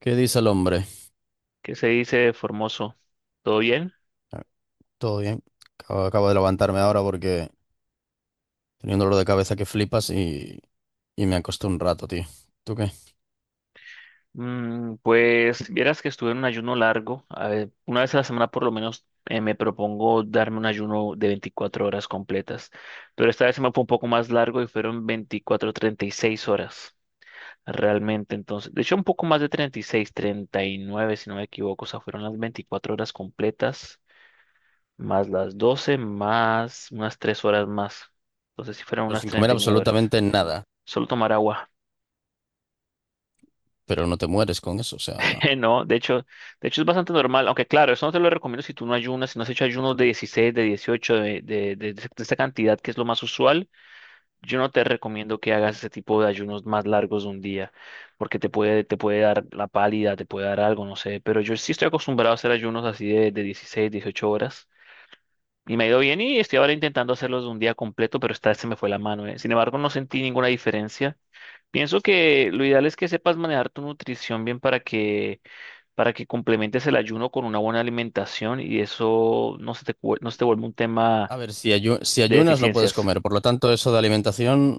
¿Qué dice el hombre? ¿Qué se dice, Formoso? ¿Todo bien? Ah, todo bien. Acabo de levantarme ahora porque tenía un dolor de cabeza que flipas y me acosté un rato, tío. ¿Tú qué? Pues vieras que estuve en un ayuno largo. A ver, una vez a la semana por lo menos me propongo darme un ayuno de 24 horas completas. Pero esta vez se me fue un poco más largo y fueron 24, 36 horas realmente. Entonces, de hecho un poco más de 36, 39 si no me equivoco. O sea, fueron las 24 horas completas más las 12 más unas 3 horas más. Entonces sí fueron Pero unas sin comer 39 horas. absolutamente nada. Solo tomar agua. Pero no te mueres con eso, o sea... No, de hecho es bastante normal, aunque claro, eso no te lo recomiendo si tú no ayunas, si no has hecho ayunos de 16, de 18, de esta cantidad que es lo más usual. Yo no te recomiendo que hagas ese tipo de ayunos más largos de un día, porque te puede dar la pálida, te puede dar algo, no sé, pero yo sí estoy acostumbrado a hacer ayunos así de 16, 18 horas, y me ha ido bien y estoy ahora intentando hacerlos de un día completo, pero esta vez se me fue la mano, eh. Sin embargo, no sentí ninguna diferencia. Pienso que lo ideal es que sepas manejar tu nutrición bien para que complementes el ayuno con una buena alimentación y eso no se te, cu- no se te vuelve un tema A ver, si, si de ayunas no puedes deficiencias. comer, por lo tanto eso de alimentación,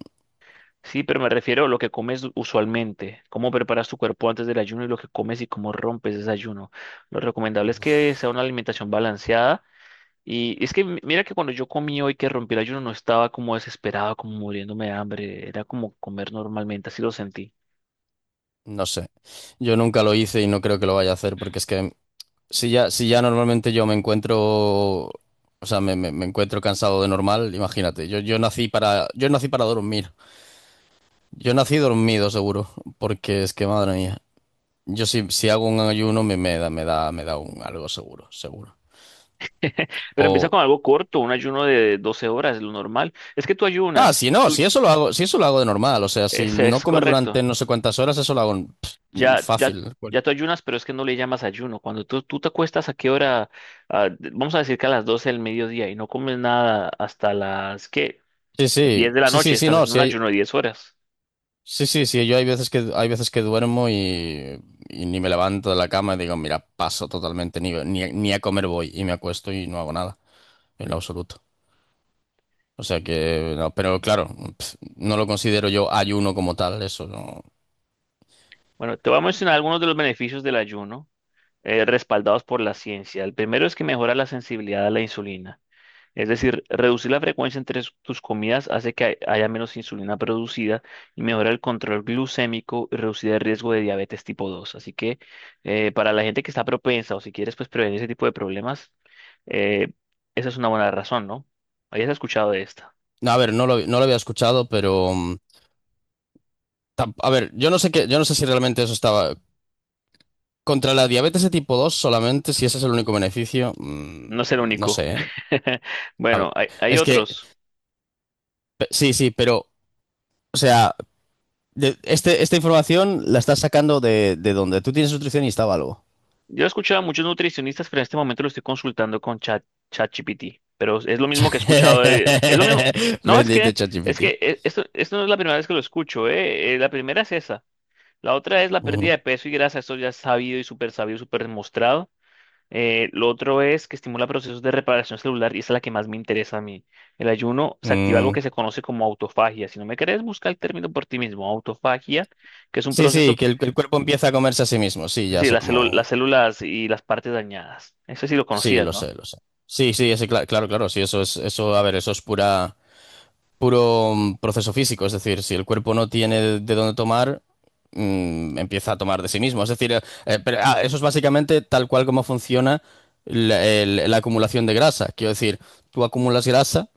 Sí, pero me refiero a lo que comes usualmente, cómo preparas tu cuerpo antes del ayuno y lo que comes y cómo rompes ese ayuno. Lo recomendable es que sea una alimentación balanceada. Y es que mira que cuando yo comí hoy que rompí el ayuno no estaba como desesperado, como muriéndome de hambre, era como comer normalmente, así lo sentí. no sé. Yo nunca lo hice y no creo que lo vaya a hacer porque es que si ya, si ya normalmente yo me encuentro... O sea, me encuentro cansado de normal, imagínate. Yo nací para dormir. Yo nací dormido, seguro, porque es que madre mía. Yo si, si hago un ayuno me, me da, me da un algo seguro, seguro. Pero empieza O. con algo corto, un ayuno de 12 horas, lo normal. Es que tú Ah, ayunas, si no, tú, si eso lo hago, si eso lo hago de normal. O sea, si ese no es comer durante correcto. no sé cuántas horas, eso lo hago pff, Ya, ya, fácil. ya tú ayunas, pero es que no le llamas ayuno. Cuando tú te acuestas, ¿a qué hora? Ah, vamos a decir que a las 12 del mediodía y no comes nada hasta las, ¿qué? Sí, sí, 10 de la sí, noche. sí, sí, Estás no, haciendo sí un hay. ayuno de 10 horas. Sí, sí, sí, yo hay veces que duermo y ni me levanto de la cama y digo, mira, paso totalmente, ni, ni, ni a comer voy y me acuesto y no hago nada, en lo absoluto. O sea que, no, pero claro, pf, no lo considero yo ayuno como tal, eso no. Bueno, te voy a mencionar algunos de los beneficios del ayuno respaldados por la ciencia. El primero es que mejora la sensibilidad a la insulina. Es decir, reducir la frecuencia entre tus comidas hace que haya menos insulina producida y mejora el control glucémico y reducir el riesgo de diabetes tipo 2. Así que para la gente que está propensa o si quieres pues prevenir ese tipo de problemas, eh, esa es una buena razón, ¿no? Habías escuchado de esta. No, a ver, no lo había escuchado, pero a ver, yo no sé qué, yo no sé si realmente eso estaba contra la diabetes de tipo 2 solamente, si ese es el único beneficio, No es el no único. sé, ¿eh? A- Bueno, hay es que otros. Sí, sí, pero o sea, esta información la estás sacando de donde tú tienes nutricionista o algo. Yo he escuchado a muchos nutricionistas, pero en este momento lo estoy consultando con ChatGPT. Pero es lo mismo que he escuchado es lo mismo. No, es Bendito que, es ChatGPT. que esto no es la primera vez que lo escucho. La primera es esa. La otra es la pérdida Ujú. de peso y grasa. Esto ya es sabido y súper sabido, súper demostrado. Lo otro es que estimula procesos de reparación celular y esa es la que más me interesa a mí. El ayuno se activa algo Mm. que se conoce como autofagia. Si no me crees, busca el término por ti mismo, autofagia, que es un Sí, sí, proceso. Que el cuerpo empieza a comerse a sí mismo. Sí, ya Sí, sé las las cómo. células y las partes dañadas. Eso sí lo Sí, conocías, lo ¿no? sé, lo sé. Sí, sí, ese, claro, claro, sí, eso es, eso, a ver, eso es pura, puro proceso físico. Es decir, si el cuerpo no tiene de dónde tomar, empieza a tomar de sí mismo. Es decir, pero, ah, eso es básicamente tal cual como funciona la, la acumulación de grasa. Quiero decir, tú acumulas grasa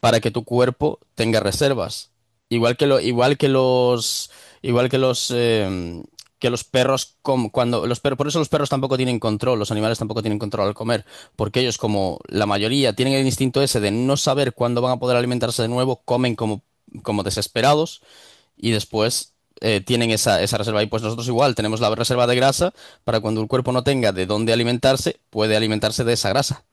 para que tu cuerpo tenga reservas. Igual que lo, igual que los, que los perros, cuando los perros, por eso los perros tampoco tienen control, los animales tampoco tienen control al comer, porque ellos, como la mayoría, tienen el instinto ese de no saber cuándo van a poder alimentarse de nuevo, comen como, como desesperados y después tienen esa, esa reserva. Y pues nosotros igual tenemos la reserva de grasa para cuando el cuerpo no tenga de dónde alimentarse, puede alimentarse de esa grasa.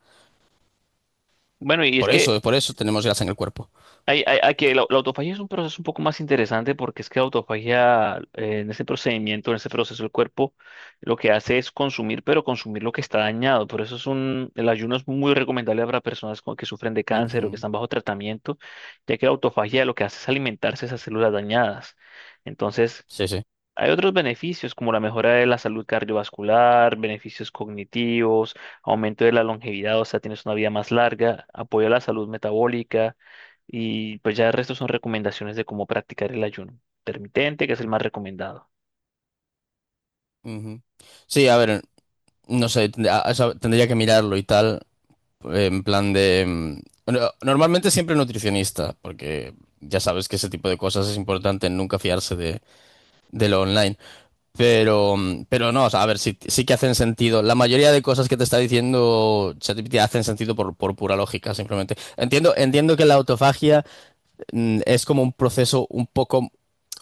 Bueno, y es que Por eso tenemos grasa en el cuerpo. la autofagia es un proceso un poco más interesante porque es que la autofagia, en ese procedimiento, en ese proceso, el cuerpo lo que hace es consumir, pero consumir lo que está dañado. Por eso es un, el ayuno es muy recomendable para personas que sufren de cáncer o que Ujú. están bajo tratamiento, ya que la autofagia lo que hace es alimentarse esas células dañadas. Entonces, Sí, sí. hay otros beneficios como la mejora de la salud cardiovascular, beneficios cognitivos, aumento de la longevidad, o sea, tienes una vida más larga, apoyo a la salud metabólica, y pues ya el resto son recomendaciones de cómo practicar el ayuno intermitente, que es el más recomendado. Ujú. Sí, a ver, no sé, eso tendría que mirarlo y tal, en plan de... normalmente siempre nutricionista, porque ya sabes que ese tipo de cosas es importante, nunca fiarse de lo online. Pero, pero no, o sea, a ver, sí, sí que hacen sentido. La mayoría de cosas que te está diciendo ChatGPT hacen sentido por pura lógica, simplemente. Entiendo, entiendo que la autofagia, es como un proceso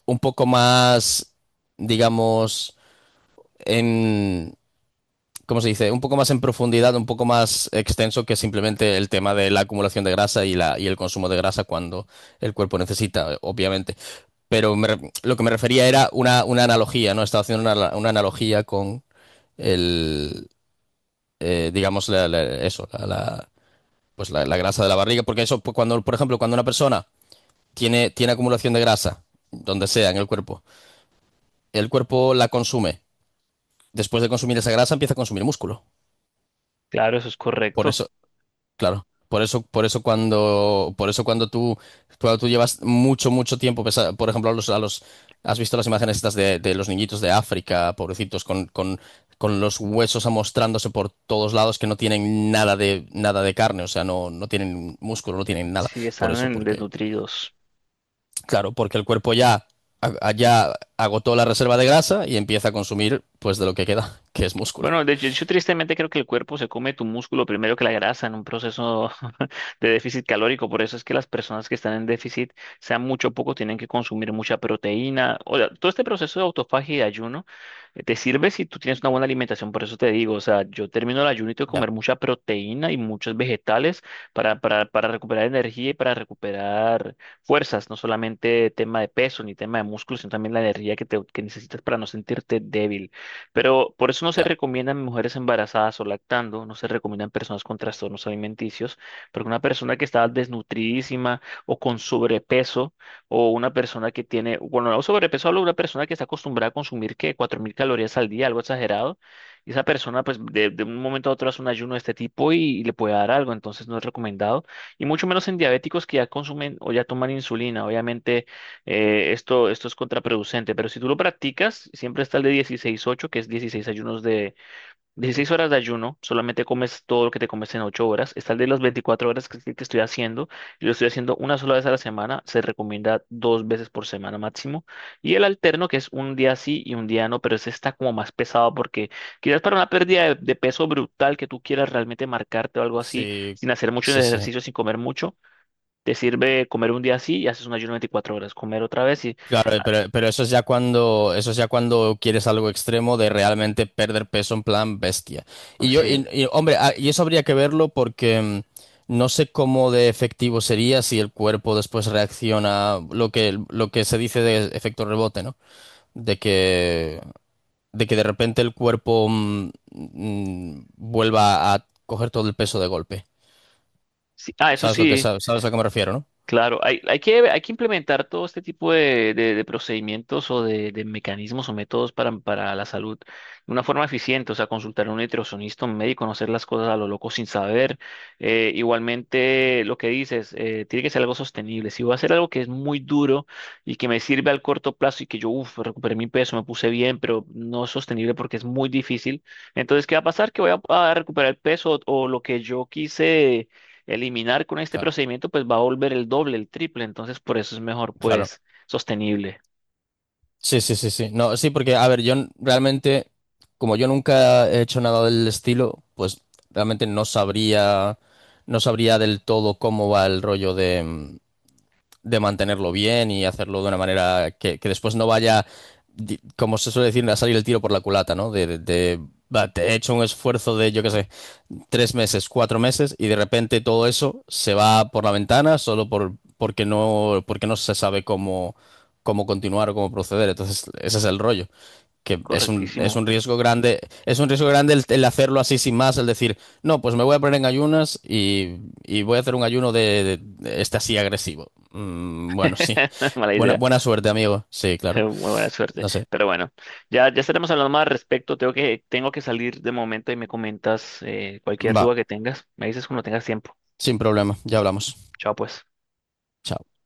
un poco más, digamos... ¿cómo se dice? Un poco más en profundidad, un poco más extenso que simplemente el tema de la acumulación de grasa y, la, y el consumo de grasa cuando el cuerpo necesita, obviamente. Pero lo que me refería era una analogía, ¿no? Estaba haciendo una analogía con el, digamos, eso, la, pues la grasa de la barriga, porque eso, pues, cuando, por ejemplo, cuando una persona tiene, tiene acumulación de grasa, donde sea en el cuerpo la consume. Después de consumir esa grasa empieza a consumir músculo. Claro, eso es Por correcto. eso claro, por eso cuando tú llevas mucho, mucho tiempo, por ejemplo, a los, has visto las imágenes estas de los niñitos de África, pobrecitos, con los huesos amostrándose por todos lados que no tienen nada de, nada de carne, o sea, no, no tienen músculo, no tienen nada. Si Por están eso, porque, desnutridos. claro, porque el cuerpo ya, ya agotó la reserva de grasa y empieza a consumir, pues, de lo que queda, que es músculo. Bueno, de hecho, yo tristemente creo que el cuerpo se come tu músculo primero que la grasa en un proceso de déficit calórico. Por eso es que las personas que están en déficit, sea mucho o poco, tienen que consumir mucha proteína. O sea, todo este proceso de autofagia y de ayuno te sirve si tú tienes una buena alimentación. Por eso te digo, o sea, yo termino el ayuno y tengo que Ya, comer mucha proteína y muchos vegetales para recuperar energía y para recuperar fuerzas. No solamente tema de peso ni tema de músculo, sino también la energía que necesitas para no sentirte débil. Pero por eso no se ya. recomiendan mujeres embarazadas o lactando, no se recomiendan personas con trastornos alimenticios, porque una persona que está desnutridísima o con sobrepeso, o una persona que tiene, bueno, no sobrepeso, hablo de una persona que está acostumbrada a consumir, ¿qué? 4.000 calorías al día, algo exagerado, y esa persona, pues, de un momento a otro hace un ayuno de este tipo y le puede dar algo, entonces no es recomendado, y mucho menos en diabéticos que ya consumen o ya toman insulina, obviamente esto, esto es contraproducente, pero si tú lo practicas, siempre está el de 16/8, que es 16 ayunos de 16 horas de ayuno, solamente comes todo lo que te comes en 8 horas. Está el de las 24 horas que estoy haciendo, y lo estoy haciendo una sola vez a la semana, se recomienda dos veces por semana máximo. Y el alterno, que es un día sí y un día no, pero ese está como más pesado porque quizás para una pérdida de peso brutal que tú quieras realmente marcarte o algo así, Sí, sin hacer mucho sí, sí. ejercicio, sin comer mucho. Te sirve comer un día así y haces un ayuno 24 horas, comer otra vez y Claro, pero eso es ya cuando, eso es ya cuando quieres algo extremo de realmente perder peso en plan bestia. Y yo, sí, y, hombre, ah, y eso habría que verlo porque no sé cómo de efectivo sería si el cuerpo después reacciona lo que se dice de efecto rebote, ¿no? De que, de que de repente el cuerpo vuelva a coger todo el peso de golpe. sí. Ah, eso ¿Sabes lo que, sí, sabes a lo que me refiero, ¿no? claro. Hay, hay que implementar todo este tipo de, de procedimientos o de mecanismos o métodos para la salud de una forma eficiente. O sea, consultar a un nutricionista, un médico, no hacer las cosas a lo loco sin saber. Igualmente, lo que dices, tiene que ser algo sostenible. Si voy a hacer algo que es muy duro y que me sirve al corto plazo y que yo, uff, recuperé mi peso, me puse bien, pero no es sostenible porque es muy difícil. Entonces, ¿qué va a pasar? Que voy a recuperar el peso o lo que yo quise eliminar con este Claro. procedimiento, pues va a volver el doble, el triple. Entonces, por eso es mejor, Claro. pues, sostenible. Sí, sí, sí, sí. No, sí, porque, a ver, realmente, como yo nunca he hecho nada del estilo, pues realmente no sabría, no sabría del todo cómo va el rollo de mantenerlo bien y hacerlo de una manera que después no vaya, como se suele decir, a salir el tiro por la culata, ¿no? De, de, va, te he hecho un esfuerzo de, yo qué sé, 3 meses, 4 meses y de repente todo eso se va por la ventana solo por, porque no se sabe cómo, cómo continuar o cómo proceder. Entonces, ese es el rollo que es Correctísimo. un riesgo grande, es un riesgo grande el hacerlo así sin más, el decir, no, pues me voy a poner en ayunas y voy a hacer un ayuno de, de este así agresivo. Bueno, sí. No es mala Buena, idea. buena suerte, amigo. Sí, claro. Muy buena suerte. No sé. Pero bueno, ya, ya estaremos hablando más al respecto. Tengo que salir de momento y me comentas cualquier Va, duda que tengas. Me dices cuando tengas tiempo. sin problema. Ya hablamos. Chao, pues. Chao.